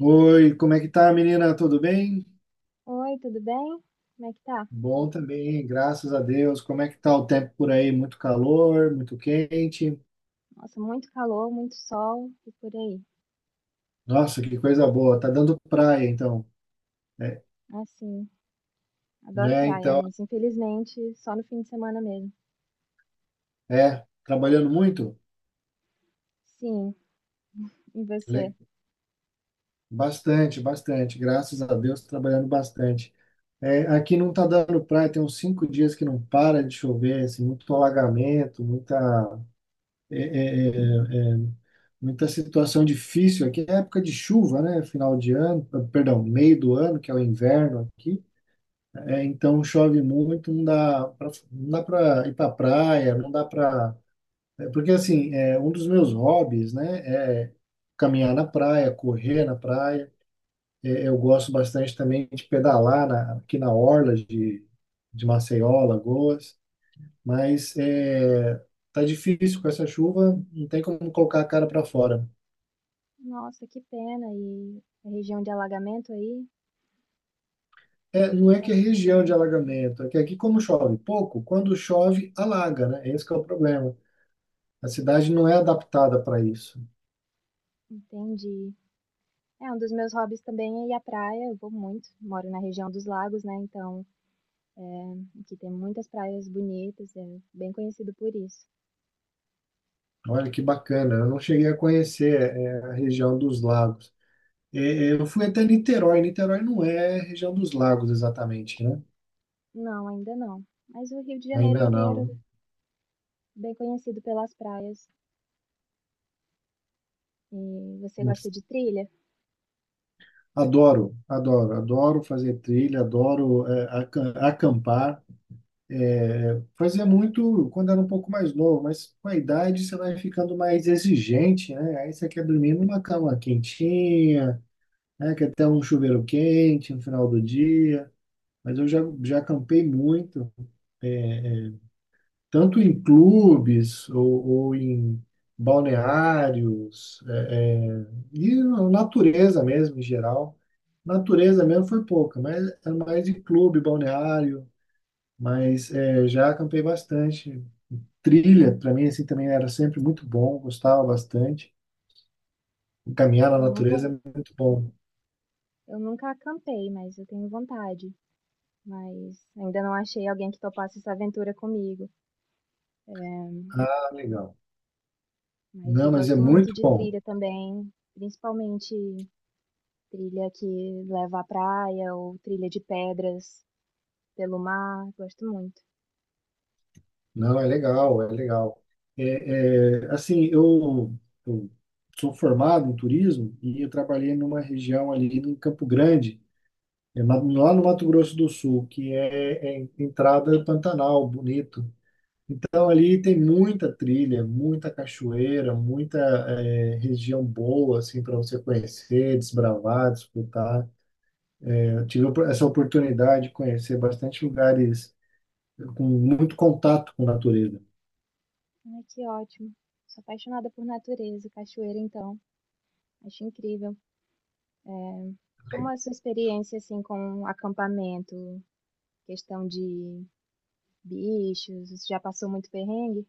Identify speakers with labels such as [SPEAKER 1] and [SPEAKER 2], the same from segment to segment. [SPEAKER 1] Oi, como é que tá, menina? Tudo bem?
[SPEAKER 2] Oi, tudo bem? Como é que tá?
[SPEAKER 1] Bom também, graças a Deus. Como é que tá o tempo por aí? Muito calor, muito quente.
[SPEAKER 2] Nossa, muito calor, muito sol e por aí.
[SPEAKER 1] Nossa, que coisa boa. Tá dando praia, então. É,
[SPEAKER 2] Assim, adoro
[SPEAKER 1] né?
[SPEAKER 2] praia,
[SPEAKER 1] Então,
[SPEAKER 2] mas infelizmente só no fim de semana mesmo.
[SPEAKER 1] trabalhando muito?
[SPEAKER 2] Sim, e você?
[SPEAKER 1] Le- Bastante, bastante. Graças a Deus, trabalhando bastante. É, aqui não tá dando praia, tem uns 5 dias que não para de chover, assim, muito alagamento, muita. É, é, é, é, muita situação difícil aqui. É época de chuva, né? Final de ano, ah, perdão, meio do ano, que é o inverno aqui. É, então chove muito, não dá pra, não dá para ir para praia, não dá para. Porque assim, é, um dos meus hobbies, né, é caminhar na praia, correr na praia. É, eu gosto bastante também de pedalar aqui na orla de Maceió, Lagoas. Mas é, tá difícil com essa chuva, não tem como colocar a cara para fora.
[SPEAKER 2] Nossa, que pena. E a região de alagamento aí?
[SPEAKER 1] É, não é que é região
[SPEAKER 2] Aqui,
[SPEAKER 1] de alagamento, é que aqui como chove pouco, quando chove alaga, né? Esse que é o problema. A cidade não é adaptada para isso.
[SPEAKER 2] entendi. É, um dos meus hobbies também é ir à praia. Eu vou muito, moro na região dos lagos, né? Então, aqui tem muitas praias bonitas, é bem conhecido por isso.
[SPEAKER 1] Olha que bacana, eu não cheguei a conhecer é, a região dos lagos. Eu fui até Niterói, Niterói não é região dos lagos exatamente, né?
[SPEAKER 2] Não, ainda não. Mas o Rio de Janeiro
[SPEAKER 1] Ainda
[SPEAKER 2] inteiro, é
[SPEAKER 1] não.
[SPEAKER 2] bem conhecido pelas praias. E você gosta de trilha?
[SPEAKER 1] Adoro, adoro, adoro fazer trilha, adoro é, acampar. É, fazia muito quando era um pouco mais novo, mas com a idade você vai ficando mais exigente, né? Aí você quer dormir numa cama quentinha, né? Quer ter um chuveiro quente no final do dia. Mas eu já, já acampei muito, é, é, tanto em clubes ou em balneários, e na natureza mesmo, em geral. Natureza mesmo foi pouca, mas é mais de clube, balneário, mas é, já acampei bastante. Trilha, para mim, assim, também era sempre muito bom, gostava bastante. Caminhar na
[SPEAKER 2] Eu nunca,
[SPEAKER 1] natureza é muito bom.
[SPEAKER 2] eu nunca acampei, mas eu tenho vontade. Mas ainda não achei alguém que topasse essa aventura comigo.
[SPEAKER 1] Ah, legal.
[SPEAKER 2] Mas eu
[SPEAKER 1] Não, mas é
[SPEAKER 2] gosto
[SPEAKER 1] muito
[SPEAKER 2] muito de
[SPEAKER 1] bom.
[SPEAKER 2] trilha também, principalmente trilha que leva à praia ou trilha de pedras pelo mar. Gosto muito.
[SPEAKER 1] Não, é legal, é legal. É, é, assim, eu sou formado em turismo e eu trabalhei numa região ali em Campo Grande, é, lá no Mato Grosso do Sul, que é, é entrada Pantanal, bonito. Então, ali tem muita trilha, muita cachoeira, muita eh, região boa, assim, para você conhecer, desbravar, disputar. Eu tive essa oportunidade de conhecer bastante lugares com muito contato com a natureza.
[SPEAKER 2] Ai, que ótimo. Sou apaixonada por natureza, cachoeira então. Acho incrível. Como é a sua experiência assim com acampamento, questão de bichos, você já passou muito perrengue?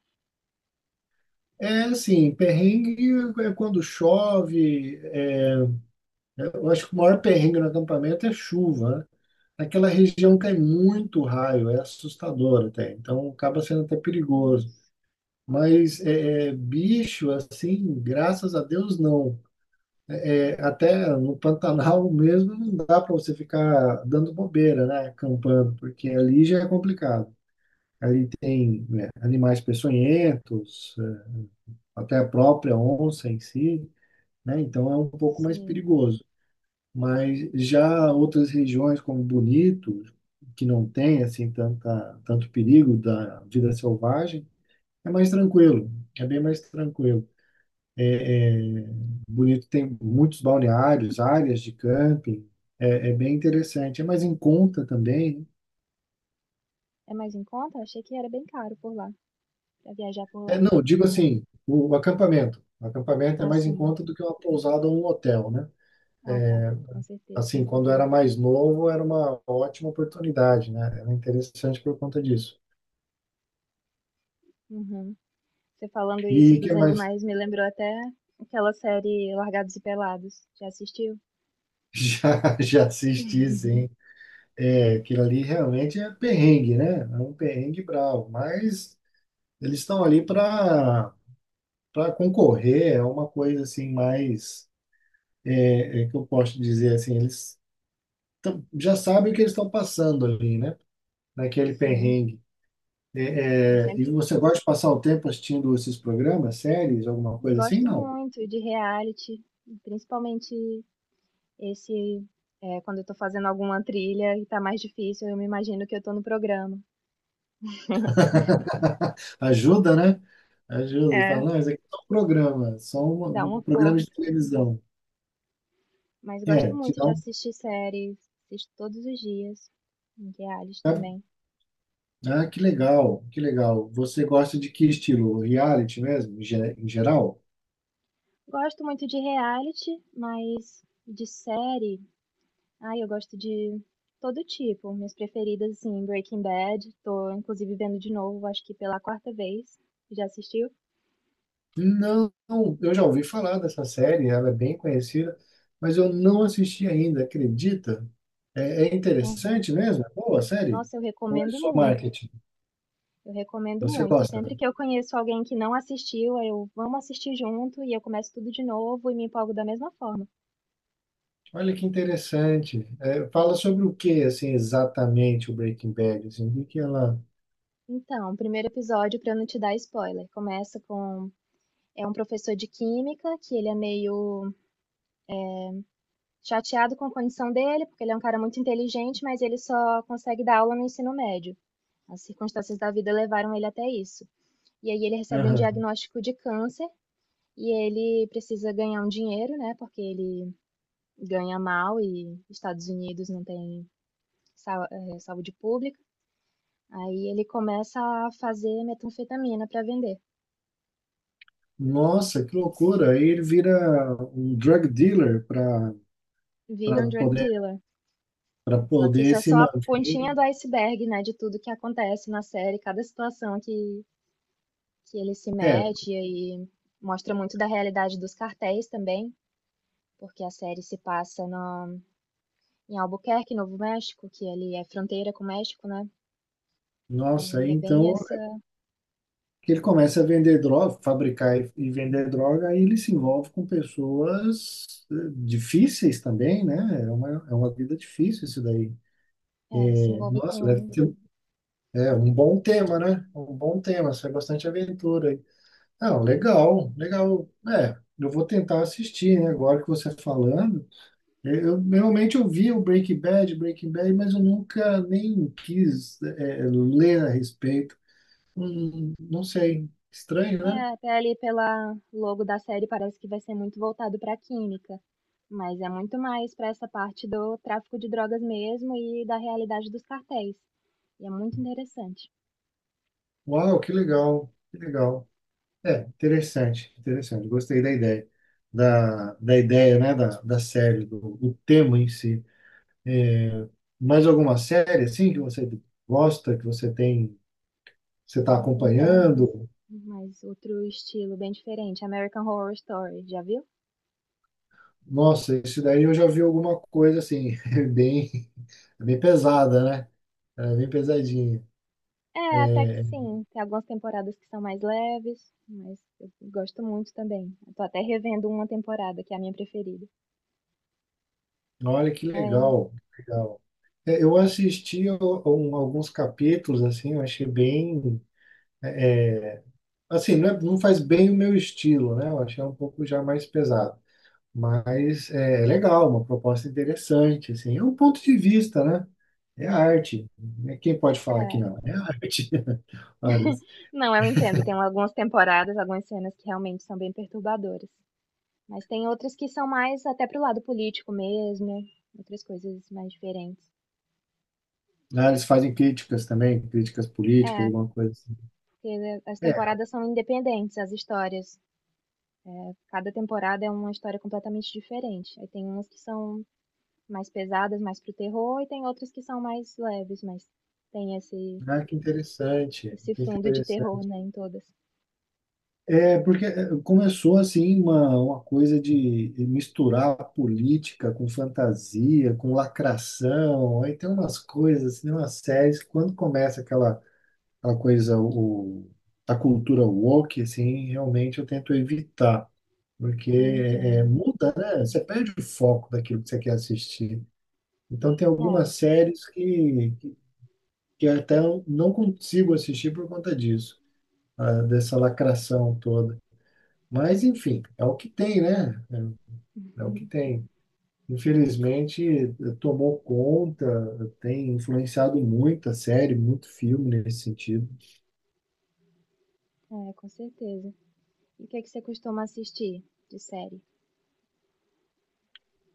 [SPEAKER 1] É, assim, perrengue é quando chove, é, eu acho que o maior perrengue no acampamento é chuva, né? Naquela região cai muito raio, é assustador até. Então acaba sendo até perigoso.
[SPEAKER 2] Nossa.
[SPEAKER 1] Mas é, é, bicho, assim, graças a Deus, não. É, é, até no Pantanal mesmo não dá para você ficar dando bobeira, né? Acampando, porque ali já é complicado. Ali tem, né, animais peçonhentos, é, até a própria onça em si, né? Então é um pouco mais
[SPEAKER 2] Sim.
[SPEAKER 1] perigoso. Mas já outras regiões como Bonito, que não tem assim tanta, tanto perigo da vida selvagem, é mais tranquilo, é bem mais tranquilo. É, é, Bonito tem muitos balneários, áreas de camping, é, é bem interessante. É mais em conta também.
[SPEAKER 2] É mais em conta? Eu achei que era bem caro por lá, pra viajar por
[SPEAKER 1] É,
[SPEAKER 2] lá.
[SPEAKER 1] não, digo assim, o acampamento. O acampamento é
[SPEAKER 2] Ah,
[SPEAKER 1] mais em
[SPEAKER 2] sim.
[SPEAKER 1] conta do que uma pousada ou um hotel, né?
[SPEAKER 2] Ah, tá. Com certeza.
[SPEAKER 1] Assim, quando era mais novo, era uma ótima oportunidade, né? Era interessante por conta disso.
[SPEAKER 2] Uhum. Você falando
[SPEAKER 1] E
[SPEAKER 2] isso
[SPEAKER 1] o que
[SPEAKER 2] dos
[SPEAKER 1] mais?
[SPEAKER 2] animais me lembrou até aquela série Largados e Pelados. Já assistiu?
[SPEAKER 1] Já, já assisti, sim. É, aquilo ali realmente é perrengue, né? É um perrengue bravo, mas eles estão ali para para concorrer é uma coisa assim mais é, é que eu posso dizer assim eles já sabem o que eles estão passando ali né naquele
[SPEAKER 2] Sim.
[SPEAKER 1] perrengue.
[SPEAKER 2] Eu
[SPEAKER 1] É, é, e
[SPEAKER 2] sempre
[SPEAKER 1] você gosta de passar o tempo assistindo esses programas séries alguma coisa assim
[SPEAKER 2] gosto
[SPEAKER 1] não.
[SPEAKER 2] muito de reality, principalmente esse, é, quando eu tô fazendo alguma trilha e tá mais difícil, eu me imagino que eu tô no programa.
[SPEAKER 1] Ajuda né, ajuda e
[SPEAKER 2] É,
[SPEAKER 1] fala não isso aqui é um programa são
[SPEAKER 2] me dá
[SPEAKER 1] um
[SPEAKER 2] uma
[SPEAKER 1] programa
[SPEAKER 2] força.
[SPEAKER 1] de televisão.
[SPEAKER 2] Mas gosto
[SPEAKER 1] É te
[SPEAKER 2] muito
[SPEAKER 1] dá
[SPEAKER 2] de
[SPEAKER 1] um,
[SPEAKER 2] assistir séries, assisto todos os dias, em reality
[SPEAKER 1] né?
[SPEAKER 2] também.
[SPEAKER 1] Ah que legal você gosta de que estilo reality mesmo em geral.
[SPEAKER 2] Gosto muito de reality, mas de série, ai, eu gosto de todo tipo. Minhas preferidas, assim, Breaking Bad, tô inclusive vendo de novo, acho que pela quarta vez. Já assistiu?
[SPEAKER 1] Não, eu já ouvi falar dessa série, ela é bem conhecida, mas eu não assisti ainda, acredita? É, é
[SPEAKER 2] Aham.
[SPEAKER 1] interessante mesmo? É boa a série?
[SPEAKER 2] Nossa, eu
[SPEAKER 1] Ou é
[SPEAKER 2] recomendo
[SPEAKER 1] só
[SPEAKER 2] muito.
[SPEAKER 1] marketing?
[SPEAKER 2] Eu recomendo
[SPEAKER 1] Você
[SPEAKER 2] muito.
[SPEAKER 1] gosta?
[SPEAKER 2] Sempre que eu conheço alguém que não assistiu, eu vamos assistir junto e eu começo tudo de novo e me empolgo da mesma forma.
[SPEAKER 1] Olha que interessante. É, fala sobre o que, assim, exatamente o Breaking Bad, assim, o que que ela...
[SPEAKER 2] Então, o primeiro episódio, para não te dar spoiler, começa com é um professor de química que ele é meio chateado com a condição dele, porque ele é um cara muito inteligente, mas ele só consegue dar aula no ensino médio. As circunstâncias da vida levaram ele até isso. E aí ele recebe um
[SPEAKER 1] Aham.
[SPEAKER 2] diagnóstico de câncer e ele precisa ganhar um dinheiro, né? Porque ele ganha mal e Estados Unidos não tem saúde pública. Aí ele começa a fazer metanfetamina para vender.
[SPEAKER 1] Nossa, que loucura! Aí ele vira um drug dealer para para
[SPEAKER 2] Vira um drug
[SPEAKER 1] poder
[SPEAKER 2] dealer.
[SPEAKER 1] para
[SPEAKER 2] Só que isso
[SPEAKER 1] poder
[SPEAKER 2] é
[SPEAKER 1] se
[SPEAKER 2] só a
[SPEAKER 1] manter.
[SPEAKER 2] pontinha do iceberg, né? De tudo que acontece na série, cada situação que ele se
[SPEAKER 1] É,
[SPEAKER 2] mete, e aí mostra muito da realidade dos cartéis também, porque a série se passa no, em Albuquerque, Novo México, que ali é fronteira com o México, né?
[SPEAKER 1] nossa,
[SPEAKER 2] E é bem
[SPEAKER 1] então
[SPEAKER 2] essa.
[SPEAKER 1] que ele começa a vender droga, fabricar e vender droga, aí ele se envolve com pessoas eh, difíceis também, né? É uma vida difícil isso daí.
[SPEAKER 2] É, se
[SPEAKER 1] É,
[SPEAKER 2] envolve
[SPEAKER 1] nossa,
[SPEAKER 2] com.
[SPEAKER 1] é, um bom tema, né? Um bom tema, isso é bastante aventura aí. Não, legal, legal. É, eu vou tentar assistir, né? Agora que você tá falando, realmente eu vi o Breaking Bad, Breaking Bad, mas eu nunca nem quis eh, ler a respeito. Não sei, estranho,
[SPEAKER 2] É,
[SPEAKER 1] né?
[SPEAKER 2] até ali pela logo da série parece que vai ser muito voltado para a química. Mas é muito mais para essa parte do tráfico de drogas mesmo e da realidade dos cartéis. E é muito interessante.
[SPEAKER 1] Uau, que legal, que legal. É, interessante, interessante. Gostei da ideia, da ideia, né, da série, do tema em si. Mais alguma série, assim, que você gosta, que você tem, você está
[SPEAKER 2] Ai, tem tantas.
[SPEAKER 1] acompanhando?
[SPEAKER 2] Mas outro estilo bem diferente, American Horror Story, já viu?
[SPEAKER 1] Nossa, isso daí eu já vi alguma coisa, assim, é bem, é bem pesada, né? É, bem pesadinha.
[SPEAKER 2] É, até que sim. Tem algumas temporadas que são mais leves, mas eu gosto muito também. Eu tô até revendo uma temporada, que é a minha preferida.
[SPEAKER 1] Olha que
[SPEAKER 2] É,
[SPEAKER 1] legal, legal. É, eu assisti alguns capítulos, assim, eu achei bem. Assim, não, não faz bem o meu estilo, né? Eu achei um pouco já mais pesado. Mas é legal, uma proposta interessante, assim. É um ponto de vista, né? É arte, né? Quem pode falar que
[SPEAKER 2] é.
[SPEAKER 1] não? É arte. Olha, eles
[SPEAKER 2] Não, eu entendo. Tem algumas temporadas, algumas cenas que realmente são bem perturbadoras. Mas tem outras que são mais até pro lado político mesmo, outras coisas mais diferentes.
[SPEAKER 1] ah, eles fazem críticas também, críticas políticas,
[SPEAKER 2] É,
[SPEAKER 1] alguma coisa assim.
[SPEAKER 2] porque as
[SPEAKER 1] É,
[SPEAKER 2] temporadas são independentes, as histórias. Cada temporada é uma história completamente diferente. Aí tem umas que são mais pesadas, mais pro terror, e tem outras que são mais leves, mas tem
[SPEAKER 1] ah, que interessante,
[SPEAKER 2] esse
[SPEAKER 1] que
[SPEAKER 2] fundo de
[SPEAKER 1] interessante.
[SPEAKER 2] terror, né, em todas.
[SPEAKER 1] É, porque é, começou assim uma coisa de misturar política com fantasia, com lacração, aí tem umas coisas, assim, umas séries, que quando começa aquela, aquela coisa, a cultura woke, assim, realmente eu tento evitar, porque
[SPEAKER 2] Eu
[SPEAKER 1] é, é,
[SPEAKER 2] entendo.
[SPEAKER 1] muda, né? Você perde o foco daquilo que você quer assistir. Então tem
[SPEAKER 2] É,
[SPEAKER 1] algumas séries que até eu não consigo assistir por conta disso, ah, dessa lacração toda. Mas, enfim, é o que tem, né? É, é o
[SPEAKER 2] é,
[SPEAKER 1] que tem. Infelizmente, eh, tomou conta, tem influenciado muito a série, muito filme nesse sentido.
[SPEAKER 2] com certeza. E o que é que você costuma assistir de série?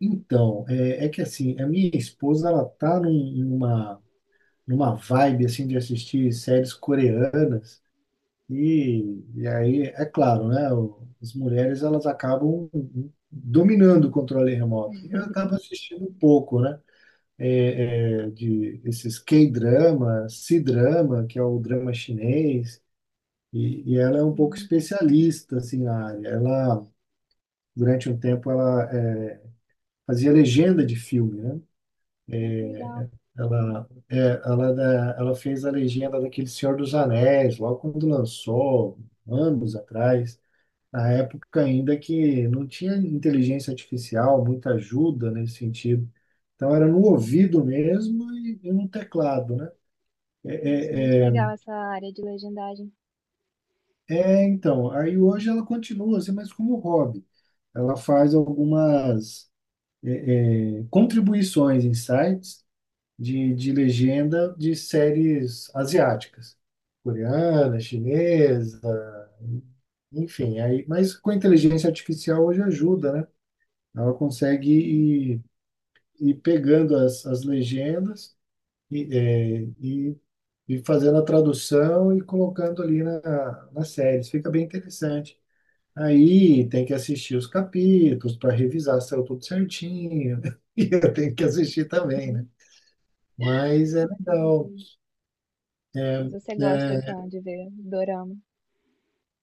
[SPEAKER 1] Então, é, é que assim, a minha esposa, ela tá numa vibe, assim, de assistir séries coreanas. E, e aí, é claro, né? As mulheres, elas acabam dominando o controle remoto. E ela acaba assistindo pouco, né? É, é, de esses K-drama, C-drama, que é o drama chinês, e ela é um pouco
[SPEAKER 2] Sim.
[SPEAKER 1] especialista assim na área. Ela durante um tempo fazia legenda de filme, né?
[SPEAKER 2] Ai, que legal.
[SPEAKER 1] Ela é, ela é ela fez a legenda daquele Senhor dos Anéis logo quando lançou anos atrás. Na época ainda que não tinha inteligência artificial, muita ajuda nesse sentido. Então era no ouvido mesmo e no teclado, né?
[SPEAKER 2] Nossa, muito
[SPEAKER 1] É, é, é,
[SPEAKER 2] legal essa área de legendagem.
[SPEAKER 1] É, então, aí hoje ela continua assim, mas como hobby. Ela faz algumas contribuições em sites de legenda de séries asiáticas, coreana, chinesa, enfim. Aí, mas com a inteligência artificial hoje ajuda, né? Ela consegue
[SPEAKER 2] Sim.
[SPEAKER 1] ir, ir pegando as legendas e, é, e, e fazendo a tradução e colocando ali na, nas séries. Fica bem interessante. Aí tem que assistir os capítulos para revisar se saiu tudo certinho. E eu tenho que assistir também, né? Mas é
[SPEAKER 2] Entendi.
[SPEAKER 1] legal. é,
[SPEAKER 2] Mas você gosta
[SPEAKER 1] é,
[SPEAKER 2] então de ver dorama?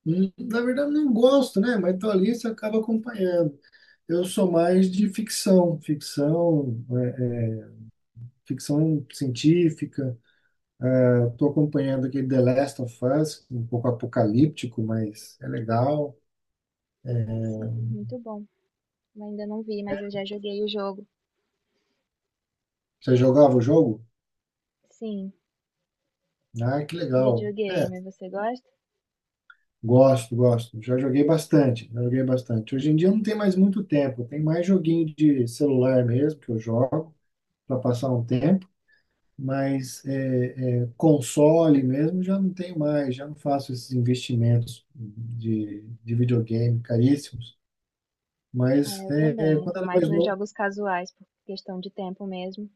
[SPEAKER 1] Na verdade, não gosto, né? Mas tô ali, você acaba acompanhando. Eu sou mais de ficção, é, ficção científica. Estou acompanhando aquele The Last of Us, um pouco apocalíptico, mas é legal.
[SPEAKER 2] Ah, sim, muito bom. Eu ainda não vi, mas eu já joguei o jogo.
[SPEAKER 1] Você jogava o jogo?
[SPEAKER 2] Sim.
[SPEAKER 1] Ah, que legal. É.
[SPEAKER 2] Videogame, você gosta?
[SPEAKER 1] Gosto, gosto. Já joguei bastante, já joguei bastante. Hoje em dia não tem mais muito tempo, tem mais joguinho de celular mesmo que eu jogo para passar um tempo, mas é, é, console mesmo já não tenho mais, já não faço esses investimentos de videogame caríssimos. Mas
[SPEAKER 2] É, eu
[SPEAKER 1] é,
[SPEAKER 2] também. Eu
[SPEAKER 1] quando
[SPEAKER 2] tô
[SPEAKER 1] era
[SPEAKER 2] mais
[SPEAKER 1] mais
[SPEAKER 2] nos
[SPEAKER 1] novo,
[SPEAKER 2] jogos casuais, por questão de tempo mesmo.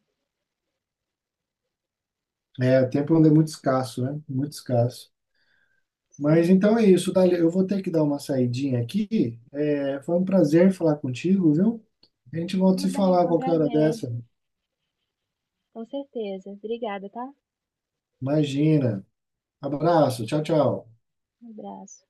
[SPEAKER 1] é, o tempo ainda é muito escasso, né? Muito escasso. Mas
[SPEAKER 2] Sim.
[SPEAKER 1] então é isso, Dália. Eu vou ter que dar uma saidinha aqui. É, foi um prazer falar contigo, viu? A gente volta a
[SPEAKER 2] Tudo
[SPEAKER 1] se
[SPEAKER 2] bem,
[SPEAKER 1] falar a
[SPEAKER 2] foi um
[SPEAKER 1] qualquer hora
[SPEAKER 2] prazer.
[SPEAKER 1] dessa.
[SPEAKER 2] Com certeza. Obrigada, tá?
[SPEAKER 1] Imagina. Abraço, tchau, tchau.
[SPEAKER 2] Um abraço.